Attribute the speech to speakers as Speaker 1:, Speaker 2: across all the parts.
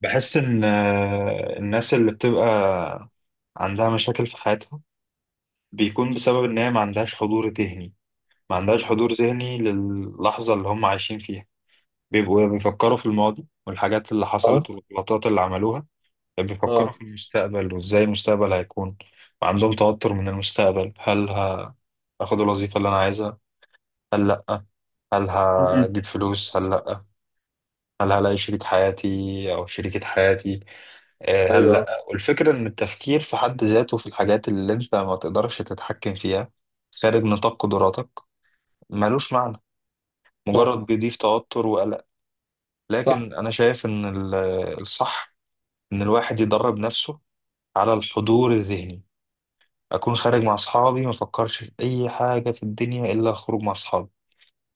Speaker 1: بحس إن الناس اللي بتبقى عندها مشاكل في حياتها بيكون بسبب إن هي ما عندهاش حضور ذهني، ما عندهاش حضور ذهني للحظة اللي هم عايشين فيها. بيبقوا بيفكروا في الماضي والحاجات اللي
Speaker 2: اه،
Speaker 1: حصلت والغلطات اللي عملوها، بيفكروا
Speaker 2: اه،
Speaker 1: في المستقبل وإزاي المستقبل هيكون، وعندهم توتر من المستقبل. هاخد الوظيفة اللي أنا عايزها هل لأ؟ هل
Speaker 2: مم.
Speaker 1: هجيب فلوس هل لأ؟ هل هلاقي شريك حياتي أو شريكة حياتي؟
Speaker 2: ايوه،
Speaker 1: هلا، والفكرة إن التفكير في حد ذاته في الحاجات اللي أنت ما تقدرش تتحكم فيها، خارج نطاق قدراتك، ملوش معنى،
Speaker 2: صح،
Speaker 1: مجرد بيضيف توتر وقلق.
Speaker 2: صح،
Speaker 1: لكن أنا شايف إن الصح إن الواحد يدرب نفسه على الحضور الذهني. أكون خارج مع أصحابي، ما أفكرش في أي حاجة في الدنيا إلا أخرج مع أصحابي.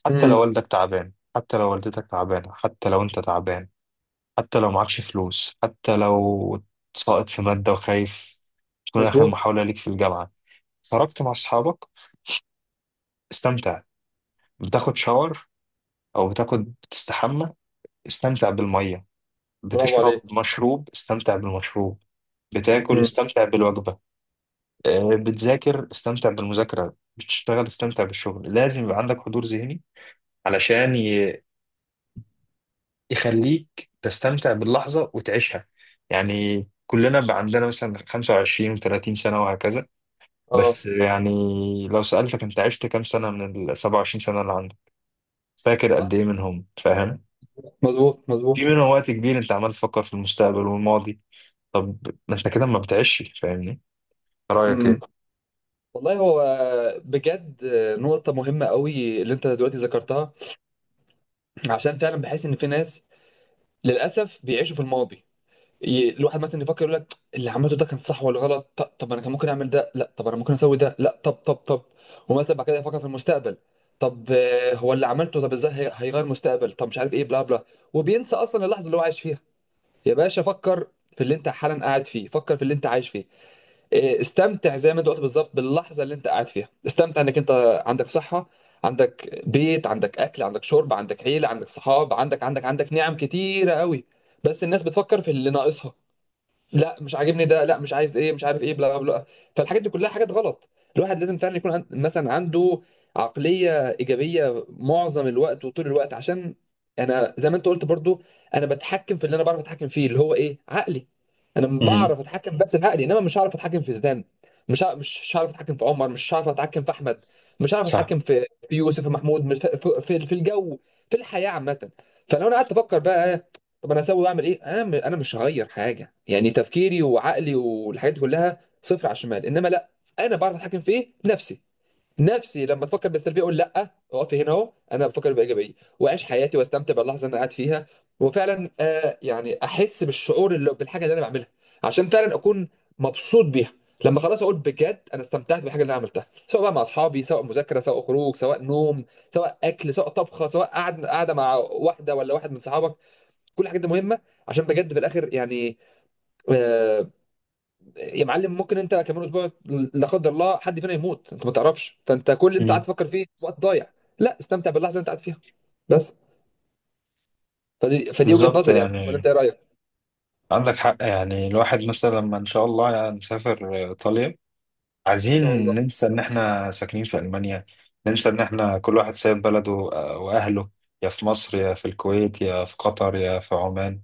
Speaker 1: حتى لو
Speaker 2: مم.
Speaker 1: والدك تعبان، حتى لو والدتك تعبانة، حتى لو أنت تعبان، حتى لو معكش فلوس، حتى لو ساقط في مادة وخايف تكون آخر
Speaker 2: مظبوط،
Speaker 1: محاولة ليك في الجامعة. خرجت مع اصحابك، استمتع. بتاخد شاور او بتستحمى، استمتع بالميه.
Speaker 2: برافو
Speaker 1: بتشرب
Speaker 2: عليك،
Speaker 1: مشروب، استمتع بالمشروب. بتاكل،
Speaker 2: مم.
Speaker 1: استمتع بالوجبه. بتذاكر استمتع بالمذاكره، بتشتغل استمتع بالشغل. لازم يبقى عندك حضور ذهني علشان يخليك تستمتع باللحظه وتعيشها. يعني كلنا بقى عندنا مثلا 25 و30 سنه وهكذا.
Speaker 2: اه،
Speaker 1: بس يعني لو سألتك انت عشت كام سنه من ال 27 سنه اللي عندك؟ فاكر قد
Speaker 2: صح،
Speaker 1: ايه منهم؟ فاهم؟
Speaker 2: مظبوط، مظبوط،
Speaker 1: في منهم وقت كبير انت عمال تفكر في المستقبل والماضي. طب ما احنا كده ما بتعيش، فاهمني؟ رأيك
Speaker 2: مم.
Speaker 1: ايه؟
Speaker 2: والله هو بجد، نقطة مهمة قوي اللي انت دلوقتي ذكرتها، عشان فعلا بحس ان في ناس للأسف بيعيشوا في الماضي. الواحد مثلا يفكر يقول لك اللي عملته ده كان صح ولا غلط، طب انا كان ممكن اعمل ده، لا طب انا ممكن اسوي ده، لا طب. ومثلا بعد كده يفكر في المستقبل. طب، هو اللي عملته، طب ازاي هيغير مستقبل، طب مش عارف ايه، بلا بلا. وبينسى اصلا اللحظه اللي هو عايش فيها. يا باشا فكر في اللي انت حالا قاعد فيه، فكر في اللي انت عايش فيه. استمتع زي ما انت قلت بالظبط باللحظه اللي انت قاعد فيها. استمتع انك انت عندك صحه، عندك بيت، عندك اكل، عندك شرب، عندك عيله، عندك صحاب، عندك عندك عندك نعم كتيره قوي. بس الناس بتفكر في اللي ناقصها، لا مش عاجبني ده، لا مش عايز ايه، مش عارف ايه، بلا بلا. فالحاجات دي كلها حاجات غلط. الواحد لازم فعلا يكون عند مثلا عنده عقلية إيجابية معظم الوقت وطول الوقت. عشان انا زي ما انت قلت برضو، انا بتحكم في اللي انا بعرف اتحكم فيه، اللي هو ايه، عقلي. انا
Speaker 1: امم.
Speaker 2: بعرف اتحكم بس بعقلي، انما مش هعرف اتحكم في زيدان، مش هعرف اتحكم في عمر، مش هعرف اتحكم في احمد، مش هعرف
Speaker 1: صح.
Speaker 2: اتحكم في يوسف ومحمود، في في الجو، في الحياة عامة. فلو انا قعدت افكر بقى، طب انا اسوي واعمل ايه، انا مش هغير حاجه، يعني تفكيري وعقلي والحاجات دي كلها صفر على الشمال. انما لا، انا بعرف اتحكم في ايه، نفسي. نفسي لما تفكر بالسلبيه اقول لا، اقفي هنا اهو، انا بفكر بايجابيه واعيش حياتي واستمتع باللحظه اللي انا قاعد فيها. وفعلا يعني احس بالشعور، اللي بالحاجه اللي انا بعملها، عشان فعلا اكون مبسوط بيها. لما خلاص اقول بجد انا استمتعت بالحاجه اللي انا عملتها، سواء بقى مع اصحابي، سواء مذاكره، سواء خروج، سواء نوم، سواء اكل، سواء طبخه، سواء قعد قاعده مع واحده ولا واحد من صحابك. كل الحاجات دي مهمه، عشان بجد في الاخر يعني، آه، يا معلم ممكن انت كمان اسبوع لا قدر الله حد فينا يموت، انت ما تعرفش، فانت كل اللي انت قاعد
Speaker 1: امم.
Speaker 2: تفكر فيه وقت ضايع. لا، استمتع باللحظه اللي انت قاعد فيها بس. فدي وجهه
Speaker 1: بالظبط
Speaker 2: نظري، يعني ولا انت
Speaker 1: يعني،
Speaker 2: ايه رايك؟ ان
Speaker 1: عندك حق يعني. الواحد مثلا لما ان شاء الله يعني نسافر ايطاليا، عايزين
Speaker 2: شاء الله.
Speaker 1: ننسى ان احنا ساكنين في المانيا، ننسى ان احنا كل واحد سايب بلده واهله، يا في مصر يا في الكويت يا في قطر يا في عمان.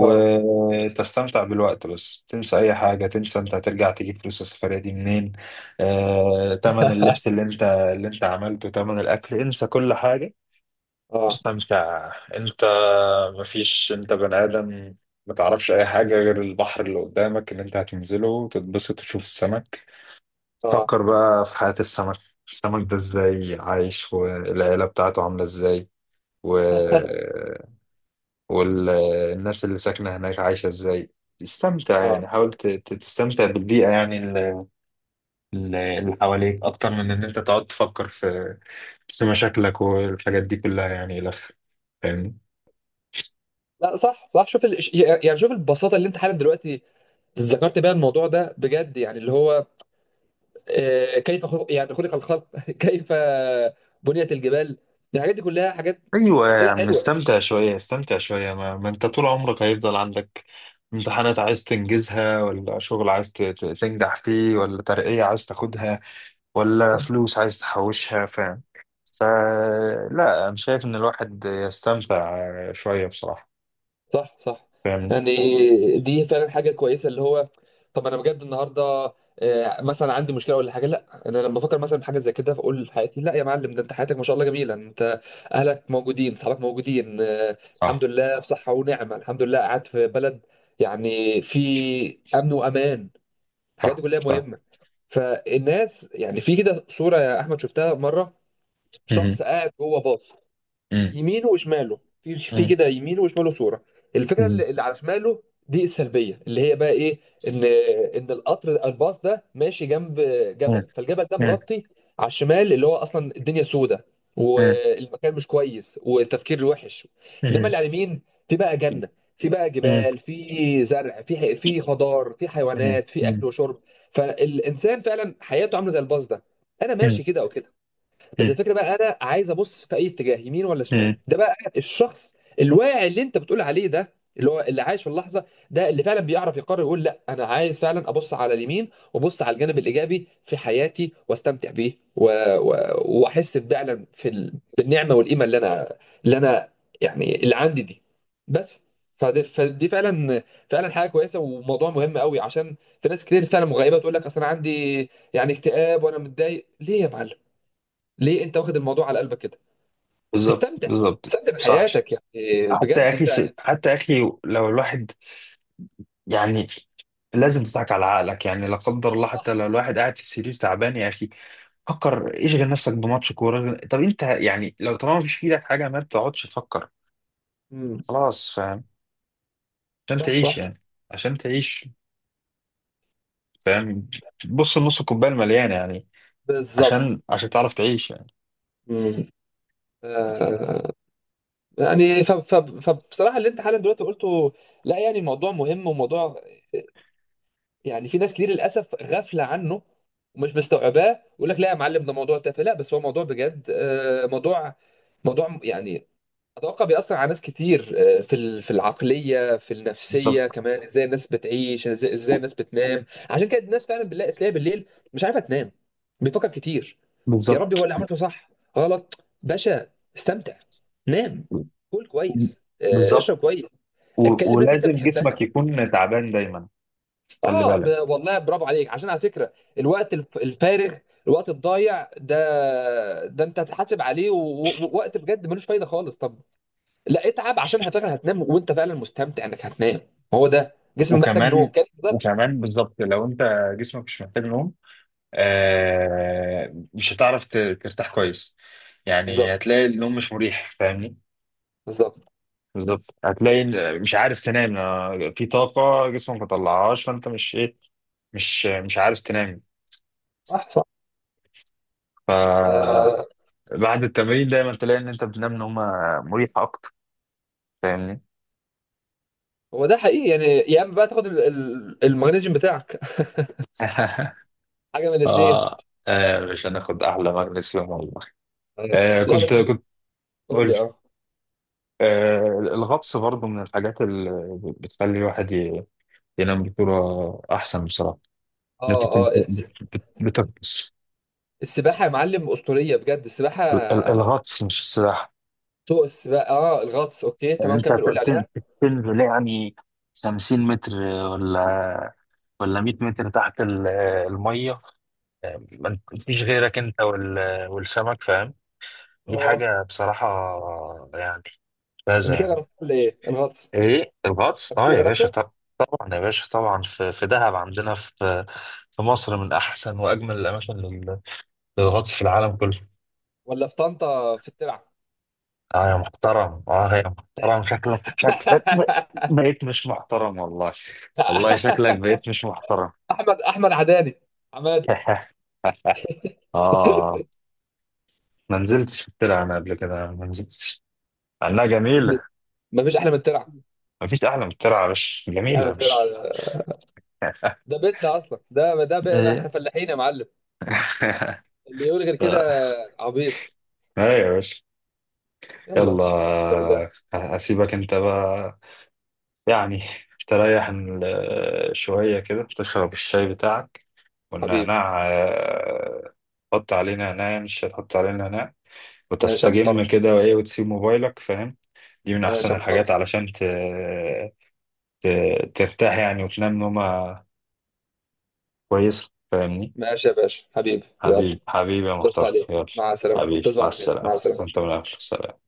Speaker 2: اه.
Speaker 1: بالوقت، بس تنسى اي حاجه. تنسى انت هترجع تجيب فلوس السفريه دي منين، تمن اللبس اللي انت اللي انت عملته، تمن الاكل. انسى كل حاجه،
Speaker 2: اه،
Speaker 1: استمتع انت. مفيش، انت بني ادم، ما تعرفش اي حاجه غير البحر اللي قدامك اللي انت هتنزله وتتبسط وتشوف السمك.
Speaker 2: اه،
Speaker 1: فكر بقى في حياه السمك، السمك ده ازاي عايش والعيله بتاعته عامله ازاي، و والناس اللي ساكنة هناك عايشة ازاي. استمتع
Speaker 2: اه.
Speaker 1: يعني، حاول تستمتع بالبيئة، يعني اللي حواليك أكتر من إن أنت تقعد تفكر في مشاكلك والحاجات دي كلها، يعني لف، فاهمني؟
Speaker 2: لا صح، صح، شوف ال... يعني شوف البساطه اللي انت حالا دلوقتي ذكرت بيها الموضوع ده بجد، يعني اللي هو كيف خلق، يعني خلق الخلق. كيف بنيت الجبال، الحاجات دي كلها حاجات.
Speaker 1: أيوة يا
Speaker 2: اسئله
Speaker 1: عم،
Speaker 2: حلوه.
Speaker 1: استمتع شوية، استمتع شوية. ما أنت طول عمرك هيفضل عندك امتحانات عايز تنجزها، ولا شغل عايز تنجح فيه، ولا ترقية عايز تاخدها، ولا
Speaker 2: آه،
Speaker 1: فلوس عايز تحوشها، فاهم؟ فلا أنا شايف إن الواحد يستمتع شوية بصراحة،
Speaker 2: صح، صح.
Speaker 1: فاهمني؟
Speaker 2: يعني دي فعلا حاجة كويسة، اللي هو طب أنا بجد النهاردة، مثلا عندي مشكلة ولا حاجة، لا أنا لما أفكر مثلا بحاجة زي كده فأقول في حياتي، لا يا معلم ده أنت حياتك ما شاء الله جميلة، أنت أهلك موجودين، صحابك موجودين، الحمد
Speaker 1: صح.
Speaker 2: لله في صحة ونعمة، الحمد لله قاعد في بلد يعني في أمن وأمان. الحاجات دي
Speaker 1: صح.
Speaker 2: كلها
Speaker 1: صح.
Speaker 2: مهمة. فالناس، يعني في كده صورة يا أحمد شفتها مرة، شخص
Speaker 1: مهم.
Speaker 2: قاعد جوه باص،
Speaker 1: مم.
Speaker 2: يمينه وشماله، في في
Speaker 1: مم.
Speaker 2: كده يمينه وشماله صوره. الفكره
Speaker 1: مم.
Speaker 2: اللي على شماله دي السلبيه، اللي هي بقى ايه، ان ان القطر الباص ده ماشي جنب
Speaker 1: مم.
Speaker 2: جبل، فالجبل ده مغطي على الشمال اللي هو اصلا الدنيا سودة،
Speaker 1: مم.
Speaker 2: والمكان مش كويس، والتفكير وحش.
Speaker 1: مم.
Speaker 2: انما
Speaker 1: مم.
Speaker 2: اللي على اليمين في بقى جنه، في بقى
Speaker 1: مم.
Speaker 2: جبال، في زرع، في خضار، في
Speaker 1: مم.
Speaker 2: حيوانات، في اكل وشرب. فالانسان فعلا حياته عامله زي الباص ده، انا
Speaker 1: مم.
Speaker 2: ماشي كده او كده، بس
Speaker 1: مم.
Speaker 2: الفكره بقى انا عايز ابص في اي اتجاه، يمين ولا
Speaker 1: مم.
Speaker 2: شمال. ده بقى الشخص الواعي اللي انت بتقول عليه، ده اللي هو اللي عايش في اللحظه، ده اللي فعلا بيعرف يقرر يقول لا انا عايز فعلا ابص على اليمين، وابص على الجانب الايجابي في حياتي واستمتع بيه، و... و... واحس فعلا في ال... بالنعمه والقيمه اللي انا يعني اللي عندي دي بس. فدي فعلا فعلا حاجه كويسه، وموضوع مهم قوي، عشان في ناس كتير فعلا مغيبه، تقول لك اصل انا عندي يعني اكتئاب وانا متضايق. ليه يا معلم؟ ليه انت واخد الموضوع على قلبك كده؟
Speaker 1: بالظبط،
Speaker 2: استمتع،
Speaker 1: بالظبط،
Speaker 2: استمتع
Speaker 1: صح.
Speaker 2: بحياتك يعني،
Speaker 1: حتى يا
Speaker 2: بجد انت.
Speaker 1: أخي، حتى يا أخي لو الواحد يعني لازم تضحك على عقلك يعني. لا قدر الله حتى
Speaker 2: صح.
Speaker 1: لو الواحد قاعد في السرير تعبان يا اخي، فكر، اشغل نفسك بماتش كورة. طب انت يعني لو طالما مفيش في ايدك حاجة ما تقعدش تفكر.
Speaker 2: مم.
Speaker 1: خلاص، فاهم؟ عشان
Speaker 2: صح،
Speaker 1: تعيش
Speaker 2: صح.
Speaker 1: يعني، عشان تعيش، فاهم؟ بص لنص الكوباية المليانة يعني،
Speaker 2: بالظبط.
Speaker 1: عشان تعرف تعيش يعني.
Speaker 2: مم. آه يعني، فبصراحه اللي انت حالا دلوقتي قلته، لا يعني موضوع مهم، وموضوع يعني في ناس كتير للاسف غافله عنه، ومش مستوعباه، يقول لك لا يا معلم ده موضوع تافه. لا، بس هو موضوع بجد، آه، موضوع موضوع يعني اتوقع بيأثر على ناس كتير. في ال-، في العقليه، في
Speaker 1: بالظبط.
Speaker 2: النفسيه كمان. ازاي الناس بتعيش، ازاي، إزاي النس بتنام. عشان كده الناس فعلا بنلاقي تلاقي بالليل مش عارفه تنام، بيفكر كتير، يا ربي هو
Speaker 1: بالظبط.
Speaker 2: اللي عملته صح غلط؟ باشا استمتع، نام، كل كويس، اشرب
Speaker 1: بالظبط
Speaker 2: كويس،
Speaker 1: و...
Speaker 2: اتكلم ناس اللي انت
Speaker 1: ولازم
Speaker 2: بتحبها.
Speaker 1: جسمك يكون تعبان دايما، خلي
Speaker 2: اه ب...
Speaker 1: بالك.
Speaker 2: والله برافو عليك، عشان على فكره، الوقت الفارغ، الوقت الضايع ده، ده انت هتحاسب عليه، ووقت بجد ملوش فايده خالص. طب لا اتعب عشان فعلا هتنام وانت فعلا مستمتع انك هتنام، هو ده جسمك محتاج نوم
Speaker 1: وكمان،
Speaker 2: كده. بالظبط،
Speaker 1: وكمان بالظبط لو انت جسمك مش محتاج نوم، مش هتعرف ترتاح كويس يعني،
Speaker 2: بالظبط،
Speaker 1: هتلاقي النوم مش مريح، فاهمني؟
Speaker 2: بالظبط.
Speaker 1: بالظبط هتلاقي مش عارف تنام، في طاقة جسمك ما طلعهاش فانت مش ايه، مش عارف تنام.
Speaker 2: صح، صح. آه،
Speaker 1: فبعد التمرين دايما تلاقي ان انت بتنام نومة مريحة اكتر، فاهمني؟
Speaker 2: هو ده حقيقي يعني، يا اما بقى تاخد المغنيسيوم بتاعك، حاجه من الاثنين.
Speaker 1: آه. مش هناخد احلى مغنيسيوم والله. آه،
Speaker 2: لا
Speaker 1: كنت
Speaker 2: بس،
Speaker 1: كنت
Speaker 2: قول
Speaker 1: قول.
Speaker 2: لي. اه.
Speaker 1: آه، الغطس برضو من الحاجات اللي بتخلي الواحد ينام بصورة احسن بصراحة، ان
Speaker 2: اه،
Speaker 1: انت تكون
Speaker 2: اه
Speaker 1: بتغطس.
Speaker 2: السباحه يا معلم اسطوريه، بجد السباحه.
Speaker 1: الغطس مش السباحة.
Speaker 2: سوق السباحه، اه الغطس، اوكي
Speaker 1: يعني
Speaker 2: تمام
Speaker 1: انت
Speaker 2: كمل قول لي
Speaker 1: تن-
Speaker 2: عليها.
Speaker 1: تنزل يعني 50 متر، ولا ولا 100 متر تحت الميه، ما فيش غيرك انت والسمك، فاهم؟ دي
Speaker 2: اه
Speaker 1: حاجه بصراحه يعني ممتازه
Speaker 2: قبل كده
Speaker 1: يعني.
Speaker 2: جربته ولا ايه الغطس؟
Speaker 1: ايه الغطس؟
Speaker 2: قبل
Speaker 1: اه
Speaker 2: كده
Speaker 1: يا باشا،
Speaker 2: جربته
Speaker 1: طب طبعا يا باشا، طبعا، في دهب عندنا، في في مصر من احسن واجمل الاماكن للغطس في العالم كله.
Speaker 2: ولا في طنطا في الترعه؟
Speaker 1: اه يا محترم، اه يا محترم، شكلك شكلك بقيت مش محترم والله. والله شكلك بقيت مش محترم.
Speaker 2: احمد، احمد عداني، عماد.
Speaker 1: اه. ما نزلتش في الترعة انا، قبل كده ما نزلتش، انها جميلة.
Speaker 2: ما فيش احلى من الترعه.
Speaker 1: ما فيش احلى من الترعة يا باشا،
Speaker 2: مفيش احلى
Speaker 1: جميلة
Speaker 2: من
Speaker 1: يا
Speaker 2: الترعه.
Speaker 1: باشا.
Speaker 2: ده بيتنا اصلا، ده ده بقى احنا
Speaker 1: ايه؟
Speaker 2: فلاحين يا معلم، اللي يقول غير كده
Speaker 1: آه،
Speaker 2: عبيط.
Speaker 1: ايوه يا باشا،
Speaker 2: يلا. الحمد
Speaker 1: يلا.
Speaker 2: لله.
Speaker 1: اسيبك انت بقى يعني تريح شوية كده، تشرب الشاي بتاعك
Speaker 2: حبيبي.
Speaker 1: والنعناع. حط عليه نعناع، مش هتحط عليه نعناع،
Speaker 2: ماشي يا
Speaker 1: وتستجم
Speaker 2: محترس،
Speaker 1: كده، وايه، وتسيب موبايلك، فاهم؟ دي من
Speaker 2: ماشي
Speaker 1: احسن
Speaker 2: يا
Speaker 1: الحاجات
Speaker 2: محترس.
Speaker 1: علشان ت... ترتاح يعني، وتنام نومة كويسة، فاهمني؟
Speaker 2: ماشي يا باشا حبيبي يلا.
Speaker 1: حبيبي يا
Speaker 2: قشطة
Speaker 1: محترم،
Speaker 2: عليك،
Speaker 1: يلا.
Speaker 2: مع السلامه،
Speaker 1: حبيبي
Speaker 2: تصبح
Speaker 1: مع
Speaker 2: على خير، مع
Speaker 1: السلامة، وانت
Speaker 2: السلامه.
Speaker 1: من أهل السلامة.